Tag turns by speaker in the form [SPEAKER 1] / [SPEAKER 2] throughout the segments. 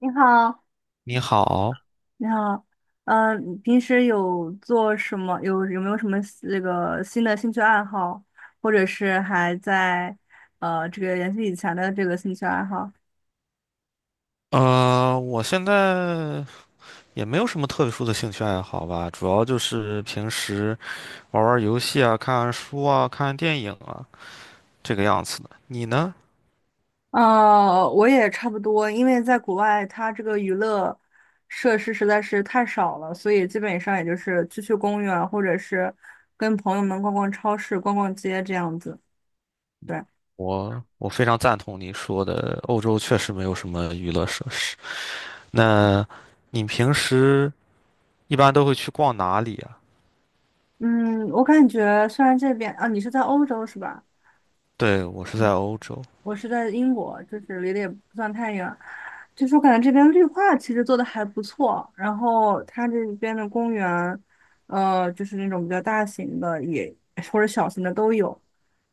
[SPEAKER 1] 你好，
[SPEAKER 2] 你好。
[SPEAKER 1] 你好，你平时有做什么？有没有什么那个新的兴趣爱好，或者是还在这个延续以前的这个兴趣爱好？
[SPEAKER 2] 我现在也没有什么特殊的兴趣爱好吧，主要就是平时玩玩游戏啊、看看书啊、看看电影啊，这个样子的。你呢？
[SPEAKER 1] 我也差不多，因为在国外，它这个娱乐设施实在是太少了，所以基本上也就是去去公园，或者是跟朋友们逛逛超市、逛逛街这样子。对，
[SPEAKER 2] 我非常赞同你说的，欧洲确实没有什么娱乐设施。那你平时一般都会去逛哪里啊？
[SPEAKER 1] 嗯，我感觉虽然这边啊，你是在欧洲是吧？
[SPEAKER 2] 对，我是在欧洲。
[SPEAKER 1] 我是在英国，就是离得也不算太远。就是我感觉这边绿化其实做的还不错，然后它这边的公园，就是那种比较大型的也或者小型的都有，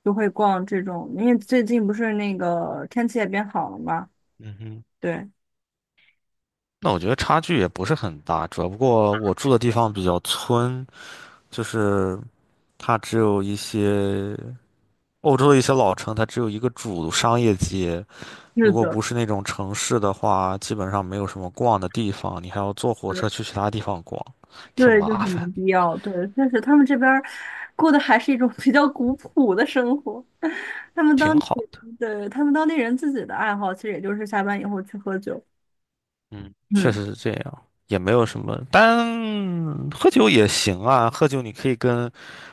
[SPEAKER 1] 就会逛这种。因为最近不是那个天气也变好了嘛，
[SPEAKER 2] 嗯哼。
[SPEAKER 1] 对，
[SPEAKER 2] 那我觉得差距也不是很大，主要不过我住的地方比较村，就是它只有一些。欧洲的一些老城，它只有一个主商业街，
[SPEAKER 1] 是
[SPEAKER 2] 如果不
[SPEAKER 1] 的，
[SPEAKER 2] 是那种城市的话，基本上没有什么逛的地方，你还要坐火
[SPEAKER 1] 对，
[SPEAKER 2] 车去其他地方逛，挺
[SPEAKER 1] 对，就很
[SPEAKER 2] 麻
[SPEAKER 1] 没
[SPEAKER 2] 烦。
[SPEAKER 1] 必要。对，但是他们这边儿过的还是一种比较古朴的生活。他们当
[SPEAKER 2] 挺
[SPEAKER 1] 地，
[SPEAKER 2] 好的。
[SPEAKER 1] 对，他们当地人自己的爱好，其实也就是下班以后去喝酒。
[SPEAKER 2] 嗯，确
[SPEAKER 1] 嗯。
[SPEAKER 2] 实是这样，也没有什么，但喝酒也行啊，喝酒你可以跟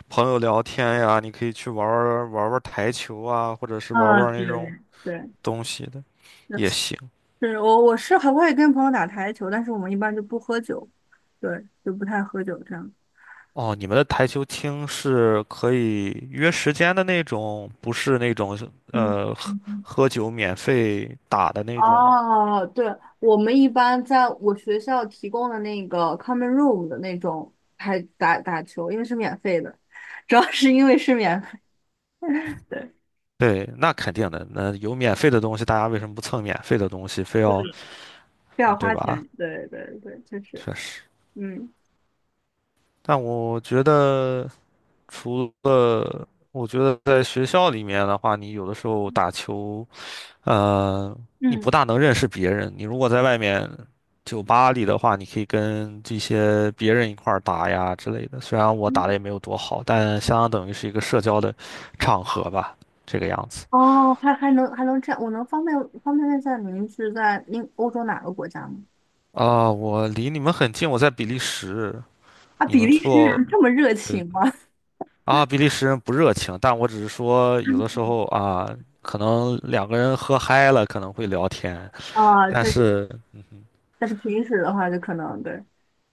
[SPEAKER 2] 朋友聊天呀，你可以去玩儿玩儿台球啊，或者是玩儿
[SPEAKER 1] 啊，
[SPEAKER 2] 玩儿那种
[SPEAKER 1] 对对，
[SPEAKER 2] 东西的
[SPEAKER 1] 是
[SPEAKER 2] 也行。
[SPEAKER 1] 是，我是还会跟朋友打台球，但是我们一般就不喝酒，对，就不太喝酒这样。
[SPEAKER 2] 哦，你们的台球厅是可以约时间的那种，不是那种
[SPEAKER 1] 嗯
[SPEAKER 2] 呃喝
[SPEAKER 1] 嗯嗯。
[SPEAKER 2] 喝酒免费打的那种。
[SPEAKER 1] 哦，对，我们一般在我学校提供的那个 common room 的那种还打打球，因为是免费的，主要是因为是免费，对，
[SPEAKER 2] 对，那肯定的。那有免费的东西，大家为什么不蹭免费的东西，非
[SPEAKER 1] 对，
[SPEAKER 2] 要，
[SPEAKER 1] 不
[SPEAKER 2] 嗯
[SPEAKER 1] 要
[SPEAKER 2] 对
[SPEAKER 1] 花
[SPEAKER 2] 吧？
[SPEAKER 1] 钱，对对对，就是，
[SPEAKER 2] 确实。
[SPEAKER 1] 嗯
[SPEAKER 2] 但我觉得，除了我觉得在学校里面的话，你有的时候打球。呃，你不
[SPEAKER 1] 嗯。
[SPEAKER 2] 大能认识别人。你如果在外面酒吧里的话，你可以跟这些别人一块儿打呀之类的。虽然我打的
[SPEAKER 1] 嗯
[SPEAKER 2] 也没有多好，但相当等于是一个社交的场合吧，这个样子。
[SPEAKER 1] 哦，还能这样，我能方便问一下您是在那欧洲哪个国家吗？
[SPEAKER 2] 啊、我离你们很近，我在比利时。
[SPEAKER 1] 啊，
[SPEAKER 2] 你
[SPEAKER 1] 比
[SPEAKER 2] 们
[SPEAKER 1] 利时
[SPEAKER 2] 做
[SPEAKER 1] 人这么热
[SPEAKER 2] 呃
[SPEAKER 1] 情吗？
[SPEAKER 2] 啊，比利时人不热情，但我只是说有的时候啊，可能两个人喝嗨了可能会聊天，
[SPEAKER 1] 啊，
[SPEAKER 2] 但
[SPEAKER 1] 确实，
[SPEAKER 2] 是。
[SPEAKER 1] 但是平时的话就可能对，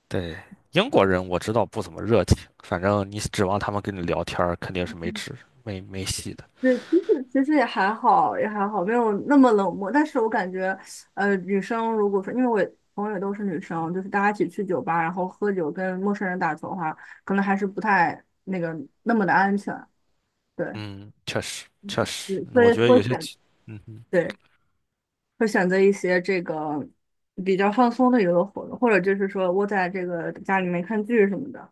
[SPEAKER 2] 对，英国人我知道不怎么热情，反正你指望他们跟你聊天儿肯定是没指没没戏的。
[SPEAKER 1] 对，其实也还好，也还好，没有那么冷漠。但是我感觉，女生如果说，因为我朋友也都是女生，就是大家一起去酒吧，然后喝酒跟陌生人打球的话，可能还是不太那个那么的安全。对，
[SPEAKER 2] 嗯，确实确实，
[SPEAKER 1] 对，所
[SPEAKER 2] 我
[SPEAKER 1] 以
[SPEAKER 2] 觉得
[SPEAKER 1] 会
[SPEAKER 2] 有些
[SPEAKER 1] 选，
[SPEAKER 2] 情，嗯哼。
[SPEAKER 1] 对，会选择一些这个比较放松的娱乐活动，或者就是说窝在这个家里面看剧什么的。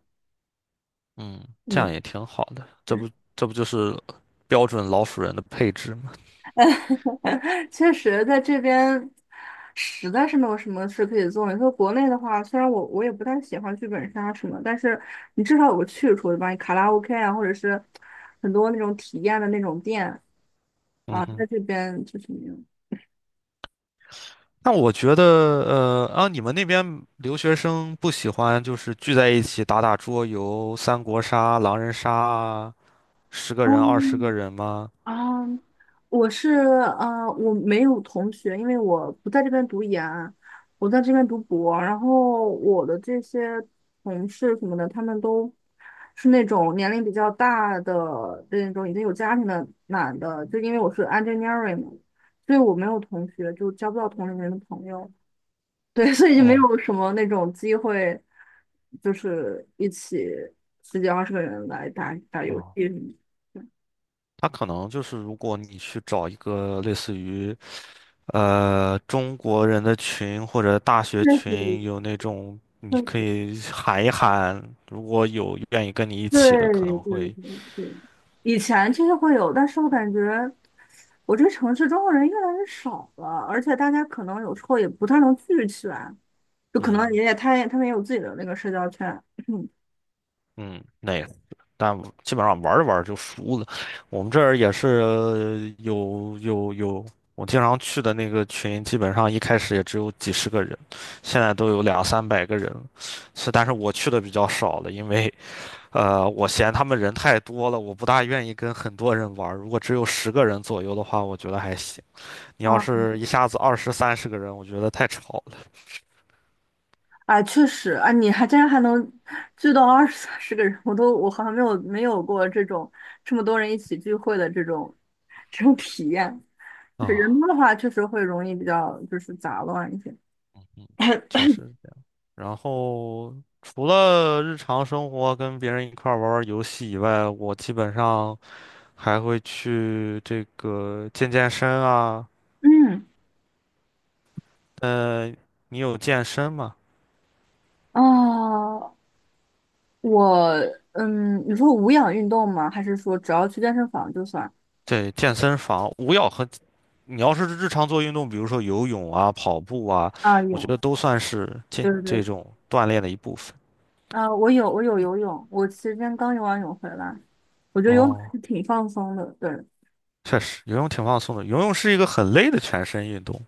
[SPEAKER 2] 嗯，这
[SPEAKER 1] 嗯。
[SPEAKER 2] 样也挺好的，这不就是标准老鼠人的配置吗？
[SPEAKER 1] 确实，在这边实在是没有什么事可以做，你说国内的话，虽然我也不太喜欢剧本杀什么，但是你至少有个去处，对吧？你卡拉 OK 啊，或者是很多那种体验的那种店
[SPEAKER 2] 嗯
[SPEAKER 1] 啊，
[SPEAKER 2] 哼。
[SPEAKER 1] 在这边就是没有。
[SPEAKER 2] 那我觉得，你们那边留学生不喜欢就是聚在一起打打桌游、三国杀、狼人杀啊，十个
[SPEAKER 1] 哦，
[SPEAKER 2] 人、20个人吗？
[SPEAKER 1] 啊，我没有同学，因为我不在这边读研，我在这边读博。然后我的这些同事什么的，他们都是那种年龄比较大的那种已经有家庭的男的，就因为我是 engineering 嘛，所以我没有同学，就交不到同龄人的朋友。对，所以就没
[SPEAKER 2] 哦。
[SPEAKER 1] 有什么那种机会，就是一起十几二十个人来打打游
[SPEAKER 2] 哦，
[SPEAKER 1] 戏什么的。
[SPEAKER 2] 他可能就是，如果你去找一个类似于中国人的群或者大
[SPEAKER 1] 确
[SPEAKER 2] 学
[SPEAKER 1] 实，
[SPEAKER 2] 群，有那种
[SPEAKER 1] 确
[SPEAKER 2] 你可
[SPEAKER 1] 实
[SPEAKER 2] 以喊一喊，如果有愿意跟你一
[SPEAKER 1] 对
[SPEAKER 2] 起的，可能
[SPEAKER 1] 对
[SPEAKER 2] 会
[SPEAKER 1] 对对，以前其实会有，但是我感觉我这个城市中国人越来越少了，而且大家可能有时候也不太能聚起来，就可能
[SPEAKER 2] 嗯
[SPEAKER 1] 也也他也他们也有自己的那个社交圈。嗯，
[SPEAKER 2] 嗯那个，但基本上玩着玩着就输了。我们这儿也是有有有，我经常去的那个群，基本上一开始也只有几十个人，现在都有两三百个人了。是，但是我去的比较少了，因为。我嫌他们人太多了，我不大愿意跟很多人玩儿。如果只有十个人左右的话，我觉得还行。你要
[SPEAKER 1] 啊，
[SPEAKER 2] 是一下子二十三十个人，我觉得太吵
[SPEAKER 1] 哎，确实，啊，你竟然还能聚到二十三十个人，我好像没有过这种这么多人一起聚会的这种体验。
[SPEAKER 2] 了
[SPEAKER 1] 就是人
[SPEAKER 2] 啊。
[SPEAKER 1] 多的话，确实会容易比较就是杂乱一些。
[SPEAKER 2] 嗯，确 实是这样。然后除了日常生活跟别人一块儿玩玩游戏以外，我基本上还会去这个健身啊。
[SPEAKER 1] 嗯。
[SPEAKER 2] 呃，你有健身吗？
[SPEAKER 1] 哦，我你说无氧运动吗？还是说只要去健身房就算？
[SPEAKER 2] 对，健身房，无氧和你要是日常做运动，比如说游泳啊、跑步啊，
[SPEAKER 1] 啊，
[SPEAKER 2] 我觉
[SPEAKER 1] 有，
[SPEAKER 2] 得都算是健
[SPEAKER 1] 对对
[SPEAKER 2] 这
[SPEAKER 1] 对，
[SPEAKER 2] 种锻炼的一部分。
[SPEAKER 1] 啊，我有游泳，我其实今天刚游完泳回来，我觉得游泳还
[SPEAKER 2] 哦，
[SPEAKER 1] 是挺放松的。对，
[SPEAKER 2] 确实，游泳挺放松的。游泳是一个很累的全身运动。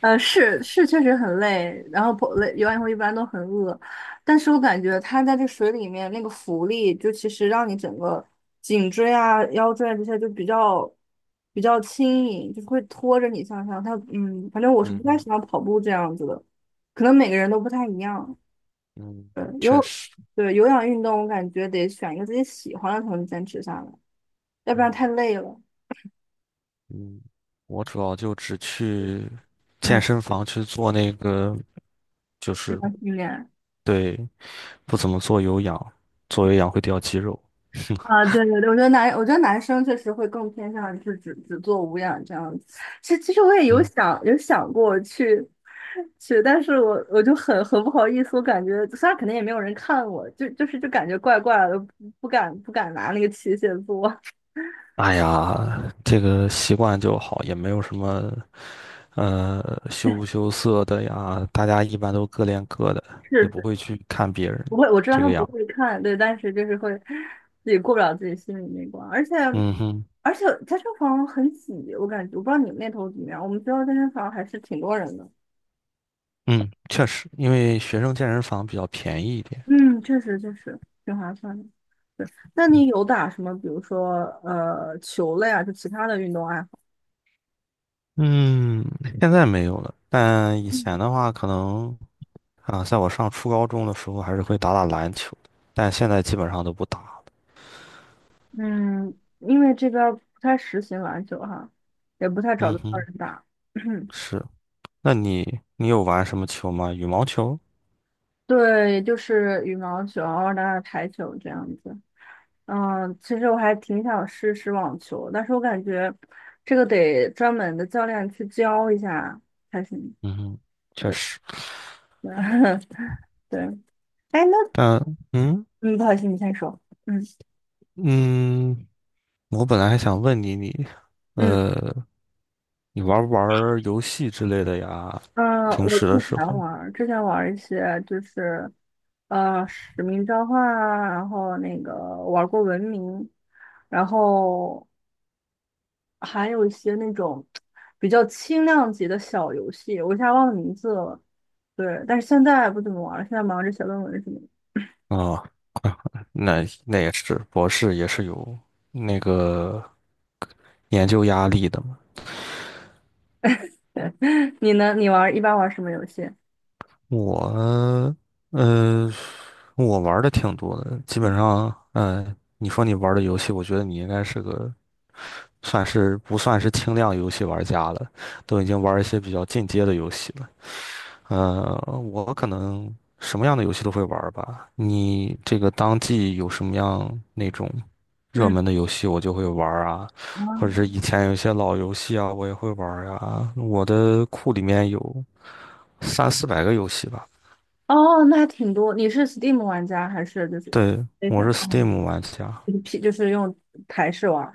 [SPEAKER 1] 是是，确实很累，然后跑累游完以后一般都很饿，但是我感觉它在这水里面那个浮力，就其实让你整个颈椎啊、腰椎啊这些就比较轻盈，就是会拖着你向上。反正我是
[SPEAKER 2] 嗯
[SPEAKER 1] 不太
[SPEAKER 2] 哼。
[SPEAKER 1] 喜欢跑步这样子的，可能每个人都不太一样。
[SPEAKER 2] 嗯，
[SPEAKER 1] 对，
[SPEAKER 2] 确
[SPEAKER 1] 有
[SPEAKER 2] 实。
[SPEAKER 1] 对有氧运动，我感觉得选一个自己喜欢的才能坚持下来，要不然
[SPEAKER 2] 嗯。
[SPEAKER 1] 太累了。
[SPEAKER 2] 嗯，我主要就只去健
[SPEAKER 1] 嗯，
[SPEAKER 2] 身房去做那个，就
[SPEAKER 1] 这
[SPEAKER 2] 是
[SPEAKER 1] 种训练。
[SPEAKER 2] 对，不怎么做有氧，做有氧会掉肌肉。
[SPEAKER 1] 啊，对对对，我觉得男生确实会更偏向于是只做无氧这样子。其实我也有
[SPEAKER 2] 嗯，
[SPEAKER 1] 想有想过去，但是我就很不好意思，我感觉虽然肯定也没有人看我，就感觉怪怪的，不敢拿那个器械做。
[SPEAKER 2] 哎呀，这个习惯就好，也没有什么。羞不 羞涩的呀，大家一般都各练各的，也
[SPEAKER 1] 是
[SPEAKER 2] 不
[SPEAKER 1] 是，
[SPEAKER 2] 会去看别人
[SPEAKER 1] 不会，我知道
[SPEAKER 2] 这
[SPEAKER 1] 他
[SPEAKER 2] 个
[SPEAKER 1] 们不
[SPEAKER 2] 样。
[SPEAKER 1] 会看，对，但是就是会自己过不了自己心里那关，而且
[SPEAKER 2] 嗯哼。
[SPEAKER 1] 而且健身房很挤，我感觉我不知道你们那头怎么样，我们学校健身房还是挺多人的。
[SPEAKER 2] 嗯，确实，因为学生健身房比较便宜一点。
[SPEAKER 1] 嗯，确实确实挺划算的。那你有打什么，比如说球类啊，就其他的运动爱好？
[SPEAKER 2] 嗯，现在没有了，但以
[SPEAKER 1] 嗯，
[SPEAKER 2] 前的话，可能啊，在我上初高中的时候，还是会打打篮球，但现在基本上都不打了。
[SPEAKER 1] 嗯，因为这边儿不太实行篮球哈，也不太找
[SPEAKER 2] 嗯
[SPEAKER 1] 得到
[SPEAKER 2] 哼。
[SPEAKER 1] 人打。
[SPEAKER 2] 是。那你有玩什么球吗？羽毛球？
[SPEAKER 1] 对，就是羽毛球，然后打打台球这样子。嗯，其实我还挺想试试网球，但是我感觉这个得专门的教练去教一下才行。
[SPEAKER 2] 嗯哼。确
[SPEAKER 1] 对，
[SPEAKER 2] 实。
[SPEAKER 1] 对，哎，那
[SPEAKER 2] 但嗯
[SPEAKER 1] 嗯，不好意思，你先说。嗯
[SPEAKER 2] 嗯，我本来还想问你，你，
[SPEAKER 1] 嗯。
[SPEAKER 2] 呃，你玩不玩儿游戏之类的呀？
[SPEAKER 1] 嗯，
[SPEAKER 2] 平
[SPEAKER 1] 我
[SPEAKER 2] 时
[SPEAKER 1] 之
[SPEAKER 2] 的时
[SPEAKER 1] 前
[SPEAKER 2] 候
[SPEAKER 1] 玩儿，之前玩儿一些就是，使命召唤啊，然后那个玩儿过文明，然后还有一些那种比较轻量级的小游戏，我一下忘了名字了。对，但是现在不怎么玩儿了，现在忙着写论文什么
[SPEAKER 2] 啊，那那也是，博士也是有那个研究压力的嘛。
[SPEAKER 1] 的。对，你呢？你一般玩儿什么游戏？
[SPEAKER 2] 我，呃，我玩的挺多的，基本上，嗯，你说你玩的游戏，我觉得你应该是个算是不算是轻量游戏玩家了，都已经玩一些比较进阶的游戏了。呃，我可能什么样的游戏都会玩儿吧。你这个当季有什么样那种热
[SPEAKER 1] 嗯，
[SPEAKER 2] 门的游戏，我就会玩儿啊，或者
[SPEAKER 1] 嗯
[SPEAKER 2] 是以前有一些老游戏啊，我也会玩儿呀。我的库里面有三四百个游戏吧。
[SPEAKER 1] 哦，那还挺多。你是 Steam 玩家还是就是
[SPEAKER 2] 对，
[SPEAKER 1] 那
[SPEAKER 2] 我
[SPEAKER 1] 个
[SPEAKER 2] 是 Steam 玩家。
[SPEAKER 1] 就是 P 就是用台式玩？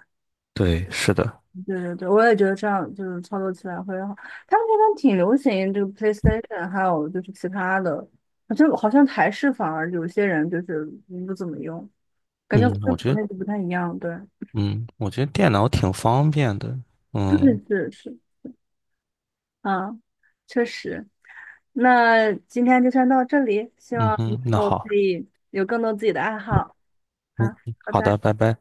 [SPEAKER 2] 对，是的。
[SPEAKER 1] 对对对，我也觉得这样就是操作起来会好。他们那边挺流行这个 PlayStation,还有就是其他的，就好像台式反而有些人就是不怎么用，感觉
[SPEAKER 2] 嗯，
[SPEAKER 1] 跟
[SPEAKER 2] 我
[SPEAKER 1] 国
[SPEAKER 2] 觉得，
[SPEAKER 1] 内就不太一样。对，
[SPEAKER 2] 嗯，我觉得电脑挺方便的。
[SPEAKER 1] 对，
[SPEAKER 2] 嗯。
[SPEAKER 1] 是是啊，确实。那今天就先到这里，希
[SPEAKER 2] 嗯
[SPEAKER 1] 望你以
[SPEAKER 2] 哼，那
[SPEAKER 1] 后可
[SPEAKER 2] 好。
[SPEAKER 1] 以有更多自己的爱好。好，
[SPEAKER 2] 嗯，
[SPEAKER 1] 拜
[SPEAKER 2] 好
[SPEAKER 1] 拜。
[SPEAKER 2] 的，拜拜。